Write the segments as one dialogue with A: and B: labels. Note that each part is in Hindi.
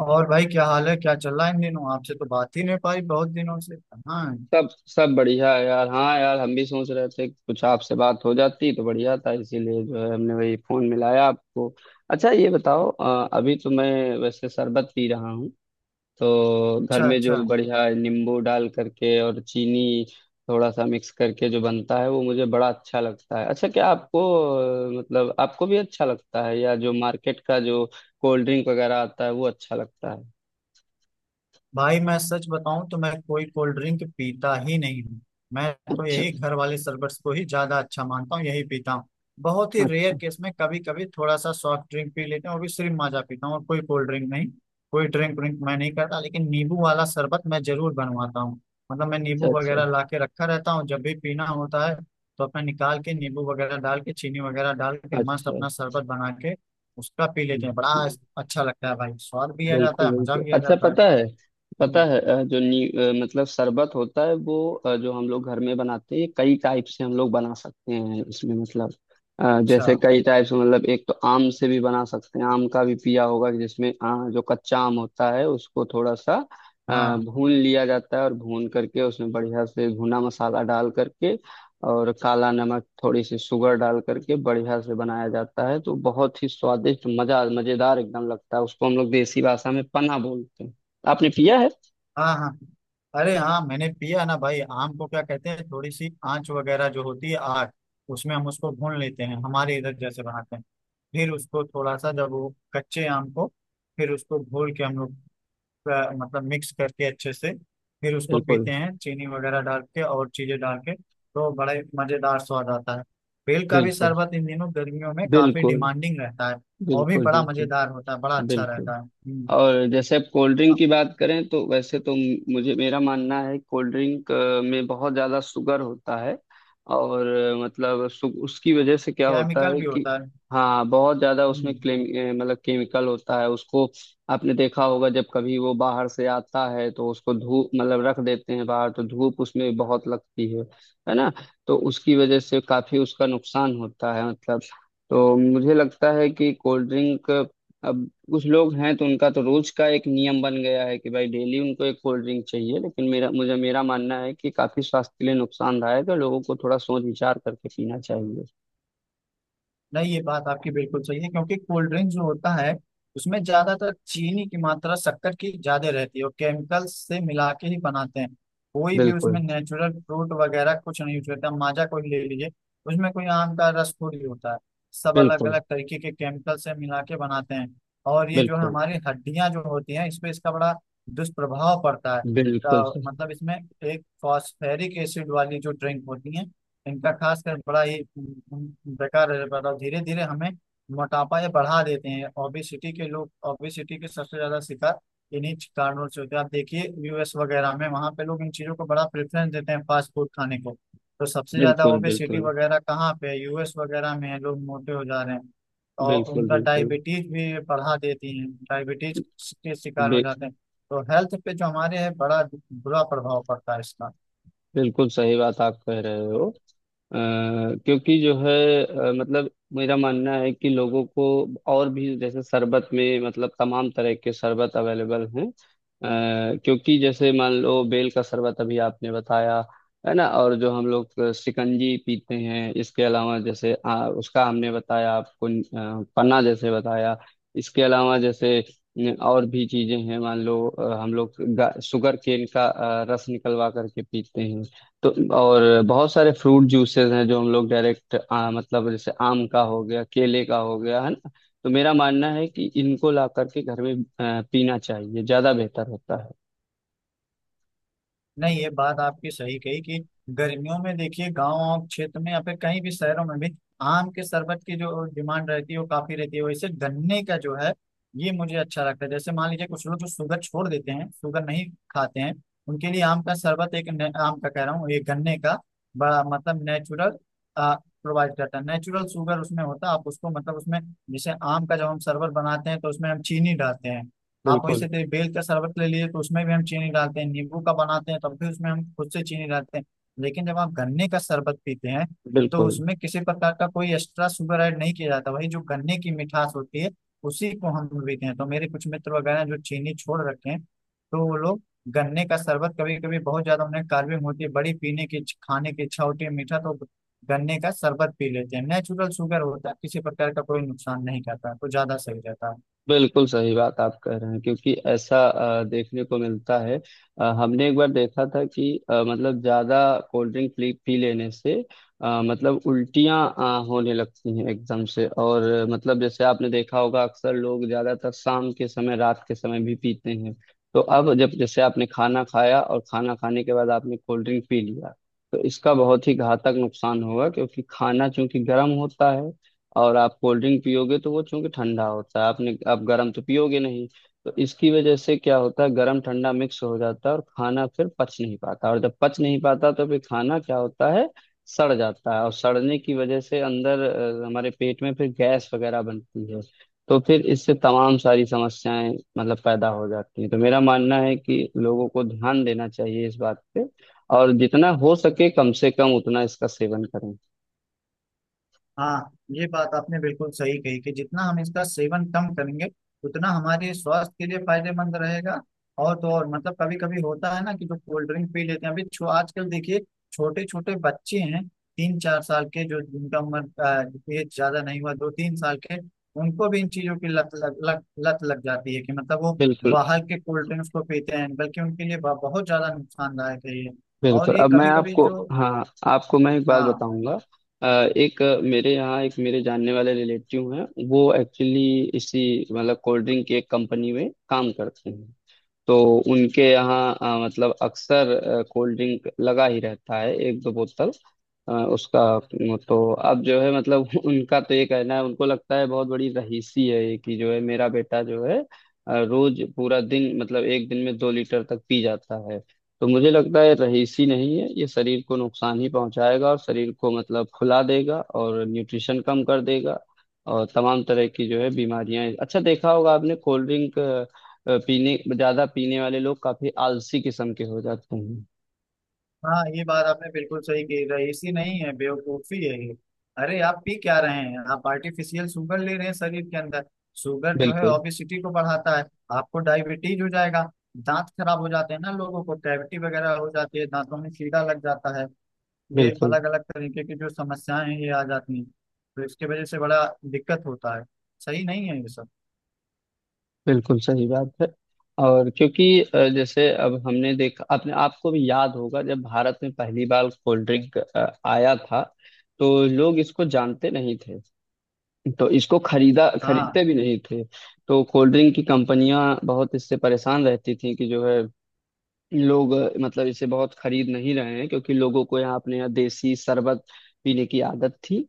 A: और भाई क्या हाल है, क्या चल रहा है इन दिनों? आपसे तो बात ही नहीं हो पाई बहुत दिनों से। हाँ।
B: सब सब बढ़िया है यार। हाँ यार, हम भी सोच रहे थे कि कुछ आपसे बात हो जाती तो बढ़िया था, इसीलिए जो है हमने वही फोन मिलाया आपको। अच्छा, ये बताओ, अभी तो मैं वैसे शरबत पी रहा हूँ। तो घर
A: अच्छा
B: में
A: अच्छा।
B: जो बढ़िया नींबू डाल करके और चीनी थोड़ा सा मिक्स करके जो बनता है वो मुझे बड़ा अच्छा लगता है। अच्छा, क्या आपको मतलब आपको भी अच्छा लगता है, या जो मार्केट का जो कोल्ड ड्रिंक वगैरह आता है वो अच्छा लगता है?
A: भाई मैं सच बताऊं तो मैं कोई कोल्ड ड्रिंक पीता ही नहीं हूँ। मैं तो
B: अच्छा।
A: यही घर वाले शरबत को ही ज्यादा अच्छा मानता हूँ, यही पीता हूँ। बहुत ही रेयर
B: अच्छा।
A: केस में कभी कभी थोड़ा सा सॉफ्ट ड्रिंक पी लेते हैं, वो भी सिर्फ माजा पीता हूँ, और कोई कोल्ड ड्रिंक नहीं। कोई ड्रिंक व्रिंक मैं नहीं करता, लेकिन नींबू वाला शरबत मैं जरूर बनवाता हूँ। मतलब मैं नींबू
B: अच्छा।
A: वगैरह ला के रखा रहता हूँ, जब भी पीना होता है तो अपना निकाल के नींबू वगैरह डाल के चीनी वगैरह डाल के मस्त
B: अच्छा।
A: अपना शरबत बना के उसका पी लेते हैं। बड़ा
B: अच्छा।
A: अच्छा लगता है भाई, स्वाद भी आ जाता
B: बिल्कुल
A: है, मजा
B: बिल्कुल।
A: भी आ
B: अच्छा,
A: जाता है।
B: पता है, पता
A: हम्म।
B: है जो मतलब शरबत होता है वो, जो हम लोग घर में बनाते हैं, ये कई टाइप से हम लोग बना सकते हैं। इसमें मतलब
A: अच्छा।
B: जैसे कई टाइप से, मतलब एक तो आम से भी बना सकते हैं। आम का भी पिया होगा, जिसमें जो कच्चा आम होता है उसको थोड़ा सा
A: हाँ
B: भून लिया जाता है, और भून करके उसमें बढ़िया से भुना मसाला डाल करके और काला नमक थोड़ी सी शुगर डाल करके बढ़िया से बनाया जाता है, तो बहुत ही स्वादिष्ट, मजा मजेदार एकदम लगता है। उसको हम लोग देसी भाषा में पन्ना बोलते हैं। आपने पिया है?
A: हाँ। हाँ अरे हाँ, मैंने पिया ना भाई। आम को क्या कहते हैं, थोड़ी सी आंच वगैरह जो होती है, आग, उसमें हम उसको भून लेते हैं, हमारे इधर जैसे बनाते हैं। फिर उसको थोड़ा सा जब वो कच्चे आम को फिर उसको घोल के हम लोग मतलब मिक्स करके अच्छे से फिर उसको
B: बिल्कुल
A: पीते हैं चीनी वगैरह डाल के और चीजें डाल के तो बड़े मजेदार स्वाद आता है। बेल का भी
B: बिल्कुल।
A: शरबत इन दिनों गर्मियों में काफी
B: बिल्कुल
A: डिमांडिंग रहता है। और भी
B: बिल्कुल।
A: बड़ा
B: बिल्कुल
A: मजेदार होता है, बड़ा अच्छा
B: बिल्कुल।
A: रहता है। हम्म।
B: और जैसे आप कोल्ड ड्रिंक की बात करें, तो वैसे तो मुझे, मेरा मानना है कोल्ड ड्रिंक में बहुत ज़्यादा शुगर होता है। और मतलब उसकी वजह से क्या होता
A: केमिकल
B: है
A: भी
B: कि
A: होता है।
B: हाँ, बहुत ज़्यादा उसमें
A: हम्म।
B: क्लेम मतलब केमिकल होता है उसको। आपने देखा होगा जब कभी वो बाहर से आता है तो उसको धूप, मतलब रख देते हैं बाहर, तो धूप उसमें बहुत लगती है ना? तो उसकी वजह से काफ़ी उसका नुकसान होता है, मतलब। तो मुझे लगता है कि कोल्ड ड्रिंक, अब कुछ लोग हैं तो उनका तो रोज का एक नियम बन गया है कि भाई डेली उनको एक कोल्ड ड्रिंक चाहिए, लेकिन मेरा, मुझे मेरा मानना है कि काफी स्वास्थ्य के लिए नुकसानदायक है। लोगों को थोड़ा सोच विचार करके पीना चाहिए।
A: नहीं, ये बात आपकी बिल्कुल सही है, क्योंकि कोल्ड ड्रिंक जो होता है उसमें ज्यादातर चीनी की मात्रा, शक्कर की ज्यादा रहती है, और केमिकल्स से मिला के ही बनाते हैं। कोई भी
B: बिल्कुल
A: उसमें नेचुरल फ्रूट वगैरह कुछ नहीं यूज करता। माजा कोई ले लीजिए, उसमें कोई आम का रस थोड़ी होता है। सब अलग
B: बिल्कुल।
A: अलग तरीके के केमिकल से मिला के बनाते हैं। और ये जो है
B: बिल्कुल
A: हमारी हड्डियां जो होती हैं इस पे इसका बड़ा दुष्प्रभाव पड़ता है।
B: बिल्कुल सही।
A: मतलब इसमें एक फॉस्फेरिक एसिड वाली जो ड्रिंक होती है इनका खासकर बड़ा ही बेकार है। बड़ा धीरे धीरे हमें मोटापा ये बढ़ा देते हैं। ओबेसिटी के लोग ओबेसिटी के सबसे ज्यादा शिकार इन्हीं कारणों से होते हैं। आप देखिए यूएस वगैरह में वहाँ पे लोग इन चीजों को बड़ा प्रेफरेंस देते हैं फास्ट फूड खाने को। तो सबसे ज्यादा
B: बिल्कुल
A: ओबेसिटी
B: बिल्कुल।
A: वगैरह कहाँ पे है? यूएस वगैरह में है, लोग मोटे हो जा रहे हैं। और
B: बिल्कुल
A: उनका
B: बिल्कुल।
A: डायबिटीज भी बढ़ा देती है। डायबिटीज के शिकार हो
B: बे-
A: जाते हैं। तो हेल्थ पे जो हमारे है बड़ा बुरा प्रभाव पड़ता है इसका।
B: बिल्कुल सही बात आप कह रहे हो। अ, क्योंकि जो है मतलब मेरा मानना है कि लोगों को, और भी जैसे शरबत में मतलब तमाम तरह के शरबत अवेलेबल हैं। क्योंकि जैसे मान लो बेल का शरबत अभी आपने बताया, है ना, और जो हम लोग शिकंजी पीते हैं, इसके अलावा जैसे उसका हमने बताया आपको, पन्ना जैसे बताया, इसके अलावा जैसे न, और भी चीजें हैं। मान लो हम लोग शुगर केन का रस निकलवा करके पीते हैं। तो और बहुत सारे फ्रूट जूसेस हैं जो हम लोग डायरेक्ट मतलब जैसे आम का हो गया, केले का हो गया, है ना। तो मेरा मानना है कि इनको ला करके घर में पीना चाहिए, ज्यादा बेहतर होता है।
A: नहीं, ये बात आपकी सही कही कि गर्मियों में देखिए गांव और क्षेत्र में या फिर कहीं भी शहरों में भी आम के शरबत की जो डिमांड रहती है वो काफी रहती है। वैसे गन्ने का जो है ये मुझे अच्छा लगता है। जैसे मान लीजिए कुछ लोग जो शुगर छोड़ देते हैं, शुगर नहीं खाते हैं, उनके लिए आम का शरबत एक आम का कह रहा हूँ, ये गन्ने का बड़ा मतलब नेचुरल प्रोवाइड करता है। नेचुरल शुगर उसमें होता है। आप उसको मतलब उसमें जैसे आम का जब हम शरबत बनाते हैं तो उसमें हम चीनी डालते हैं। आप
B: बिल्कुल
A: वैसे थे बेल का शरबत ले लिए तो उसमें भी हम चीनी डालते हैं। नींबू का बनाते हैं तब भी उसमें हम खुद से चीनी डालते हैं। लेकिन जब आप गन्ने का शरबत पीते हैं तो
B: बिल्कुल।
A: उसमें किसी प्रकार का कोई एक्स्ट्रा शुगर ऐड नहीं किया जाता। वही जो गन्ने की मिठास होती है उसी को हम पीते हैं। तो मेरे कुछ मित्र वगैरह जो चीनी छोड़ रखे हैं, तो वो लोग गन्ने का शरबत, कभी कभी बहुत ज्यादा उन्हें कार्बिंग होती है, बड़ी पीने की खाने की इच्छा होती है मीठा, तो गन्ने का शरबत पी लेते हैं। नेचुरल शुगर होता है, किसी प्रकार का कोई नुकसान नहीं करता, तो ज्यादा सही रहता है।
B: बिल्कुल सही बात आप कह रहे हैं, क्योंकि ऐसा देखने को मिलता है। हमने एक बार देखा था कि मतलब ज्यादा कोल्ड ड्रिंक पी लेने से मतलब उल्टियां होने लगती हैं एकदम से। और मतलब जैसे आपने देखा होगा, अक्सर लोग ज्यादातर शाम के समय, रात के समय भी पीते हैं। तो अब जब जैसे आपने खाना खाया और खाना खाने के बाद आपने कोल्ड ड्रिंक पी लिया, तो इसका बहुत ही घातक नुकसान होगा, क्योंकि खाना चूंकि गर्म होता है और आप कोल्ड ड्रिंक पियोगे तो वो चूंकि ठंडा होता है, आपने आप गर्म तो पियोगे नहीं। तो इसकी वजह से क्या होता है, गर्म ठंडा मिक्स हो जाता है और खाना फिर पच नहीं पाता। और जब पच नहीं पाता तो फिर खाना क्या होता है, सड़ जाता है। और सड़ने की वजह से अंदर हमारे पेट में फिर गैस वगैरह बनती है। तो फिर इससे तमाम सारी समस्याएं मतलब पैदा हो जाती हैं। तो मेरा मानना है कि लोगों को ध्यान देना चाहिए इस बात पे, और जितना हो सके कम से कम उतना इसका सेवन करें।
A: हाँ, ये बात आपने बिल्कुल सही कही कि जितना हम इसका सेवन कम करेंगे उतना हमारे स्वास्थ्य के लिए फायदेमंद रहेगा। और तो और मतलब कभी कभी होता है ना कि जो कोल्ड ड्रिंक पी लेते हैं। अभी छो आजकल देखिए छोटे छोटे बच्चे हैं 3-4 साल के जो, जिनका उम्र एज ज्यादा नहीं हुआ, 2-3 साल के, उनको भी इन चीजों की लत लग जाती है कि मतलब वो
B: बिल्कुल
A: बाहर के कोल्ड ड्रिंक्स को पीते हैं। बल्कि उनके लिए बहुत ज्यादा नुकसानदायक है ये।
B: बिल्कुल।
A: और ये
B: अब मैं
A: कभी कभी
B: आपको
A: जो।
B: हाँ, आपको मैं एक बात
A: हाँ।
B: बताऊंगा। अ, एक मेरे यहाँ एक मेरे जानने वाले रिलेटिव हैं, वो एक्चुअली इसी मतलब कोल्ड ड्रिंक की एक कंपनी में काम करते हैं। तो उनके यहाँ मतलब अक्सर कोल्ड ड्रिंक लगा ही रहता है, एक दो बोतल उसका तो अब जो है मतलब उनका तो ये कहना है, उनको लगता है बहुत बड़ी रहीसी है ये कि जो है मेरा बेटा जो है रोज पूरा दिन, मतलब एक दिन में 2 लीटर तक पी जाता है। तो मुझे लगता है रहीसी नहीं है ये, शरीर को नुकसान ही पहुंचाएगा और शरीर को मतलब फुला देगा और न्यूट्रिशन कम कर देगा, और तमाम तरह की जो है बीमारियां। अच्छा, देखा होगा आपने, कोल्ड ड्रिंक पीने ज्यादा पीने वाले लोग काफी आलसी किस्म के हो जाते हैं।
A: हाँ, ये बात आपने बिल्कुल सही कही, रईसी नहीं है, बेवकूफी है ये। अरे आप पी क्या रहे हैं? आप आर्टिफिशियल शुगर ले रहे हैं शरीर के अंदर। शुगर जो है
B: बिल्कुल
A: ओबेसिटी को बढ़ाता है। आपको डायबिटीज हो जाएगा। दांत खराब हो जाते हैं ना लोगों को, कैविटी वगैरह हो जाती है, दांतों में कीड़ा लग जाता है। ये
B: बिल्कुल।
A: अलग अलग तरीके की जो समस्याएं हैं ये आ जाती हैं। तो इसकी वजह से बड़ा दिक्कत होता है। सही नहीं है ये सब।
B: बिल्कुल सही बात है। और क्योंकि जैसे अब हमने देखा अपने, आपको भी याद होगा जब भारत में पहली बार कोल्ड ड्रिंक आया था, तो लोग इसको जानते नहीं थे। तो इसको खरीदा
A: हाँ
B: खरीदते भी नहीं थे। तो कोल्ड ड्रिंक की कंपनियां बहुत इससे परेशान रहती थी कि जो है, लोग मतलब इसे बहुत खरीद नहीं रहे हैं, क्योंकि लोगों को यहाँ, अपने यहाँ देसी शरबत पीने की आदत थी।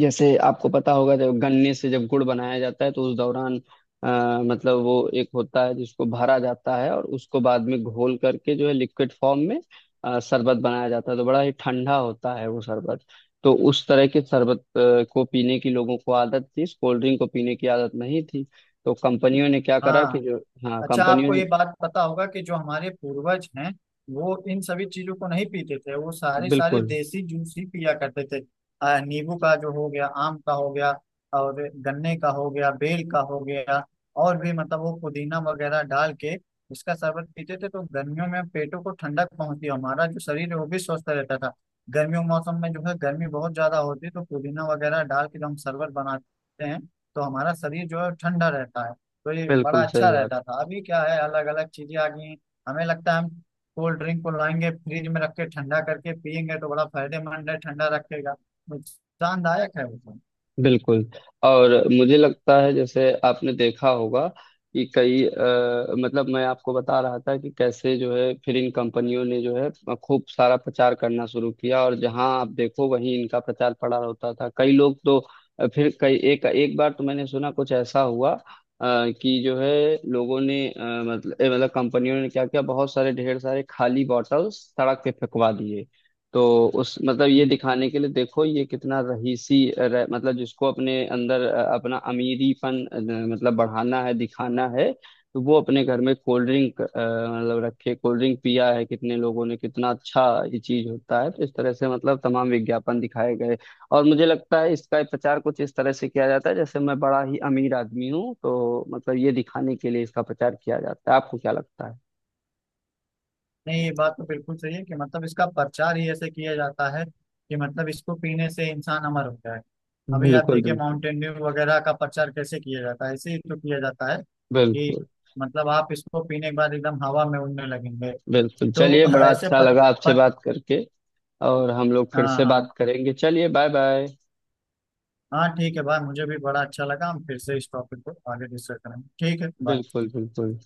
B: जैसे आपको पता होगा जब गन्ने से जब गुड़ बनाया जाता है तो उस दौरान मतलब वो एक होता है जिसको भरा जाता है और उसको बाद में घोल करके जो है लिक्विड फॉर्म में शरबत बनाया जाता है, तो बड़ा ही ठंडा होता है वो शरबत। तो उस तरह के शरबत को पीने की लोगों को आदत थी, इस कोल्ड ड्रिंक को पीने की आदत नहीं थी। तो कंपनियों ने क्या करा कि
A: हाँ।
B: जो हाँ,
A: अच्छा
B: कंपनियों
A: आपको
B: ने
A: ये बात पता होगा कि जो हमारे पूर्वज हैं वो इन सभी चीजों को नहीं पीते थे। वो सारे सारे
B: बिल्कुल
A: देसी जूस ही पिया करते थे। नींबू का जो हो गया, आम का हो गया और गन्ने का हो गया, बेल का हो गया, और भी मतलब वो पुदीना वगैरह डाल के इसका शरबत पीते थे। तो गर्मियों में पेटों को ठंडक पहुंचती और हमारा जो शरीर है वो भी स्वस्थ रहता था। गर्मियों के मौसम में जो है गर्मी बहुत ज्यादा होती है तो पुदीना वगैरह डाल के जो हम शरबत बनाते हैं तो हमारा शरीर जो है ठंडा रहता है। तो ये बड़ा
B: बिल्कुल सही
A: अच्छा
B: बात।
A: रहता था। अभी क्या है, अलग अलग चीजें आ गई हैं। हमें लगता है हम कोल्ड ड्रिंक को लाएंगे फ्रिज में रख के ठंडा करके पियेंगे तो बड़ा फायदेमंद है, ठंडा रखेगा। नुकसानदायक है वो तो।
B: बिल्कुल। और मुझे लगता है जैसे आपने देखा होगा कि कई मतलब, मैं आपको बता रहा था कि कैसे जो है फिर इन कंपनियों ने जो है खूब सारा प्रचार करना शुरू किया और जहां आप देखो वहीं इनका प्रचार पड़ा रहता था। कई लोग तो फिर कई, एक एक बार तो मैंने सुना कुछ ऐसा हुआ कि जो है लोगों ने, मतलब कंपनियों ने क्या किया, बहुत सारे ढेर सारे खाली बॉटल्स सड़क पे फेंकवा दिए। तो उस मतलब ये
A: हम्म।
B: दिखाने के लिए, देखो ये कितना रहीसी मतलब जिसको अपने अंदर अपना अमीरीपन मतलब बढ़ाना है, दिखाना है, तो वो अपने घर में कोल्ड ड्रिंक मतलब रखे, कोल्ड ड्रिंक पिया है कितने लोगों ने, कितना अच्छा ये चीज होता है। तो इस तरह से मतलब तमाम विज्ञापन दिखाए गए। और मुझे लगता है इसका प्रचार कुछ इस तरह से किया जाता है जैसे मैं बड़ा ही अमीर आदमी हूँ, तो मतलब ये दिखाने के लिए इसका प्रचार किया जाता है। आपको क्या लगता है?
A: नहीं, ये बात तो बिल्कुल सही है कि मतलब इसका प्रचार ही ऐसे किया जाता है कि मतलब इसको पीने से इंसान अमर हो जाए। अभी आप
B: बिल्कुल
A: देखिए
B: बिल्कुल।
A: माउंटेन ड्यू वगैरह का प्रचार कैसे किया जाता है, ऐसे ही तो किया जाता है कि
B: बिल्कुल
A: मतलब आप इसको पीने के बाद एकदम हवा में उड़ने लगेंगे।
B: बिल्कुल,
A: तो
B: चलिए, बड़ा
A: ऐसे
B: अच्छा
A: प,
B: लगा आपसे
A: प,
B: बात करके। और हम लोग फिर
A: हाँ
B: से
A: हाँ।
B: बात करेंगे, चलिए, बाय बाय।
A: हाँ ठीक है भाई, मुझे भी बड़ा अच्छा लगा। हम फिर से इस टॉपिक को आगे डिस्कस करेंगे। ठीक है बाय।
B: बिल्कुल बिल्कुल।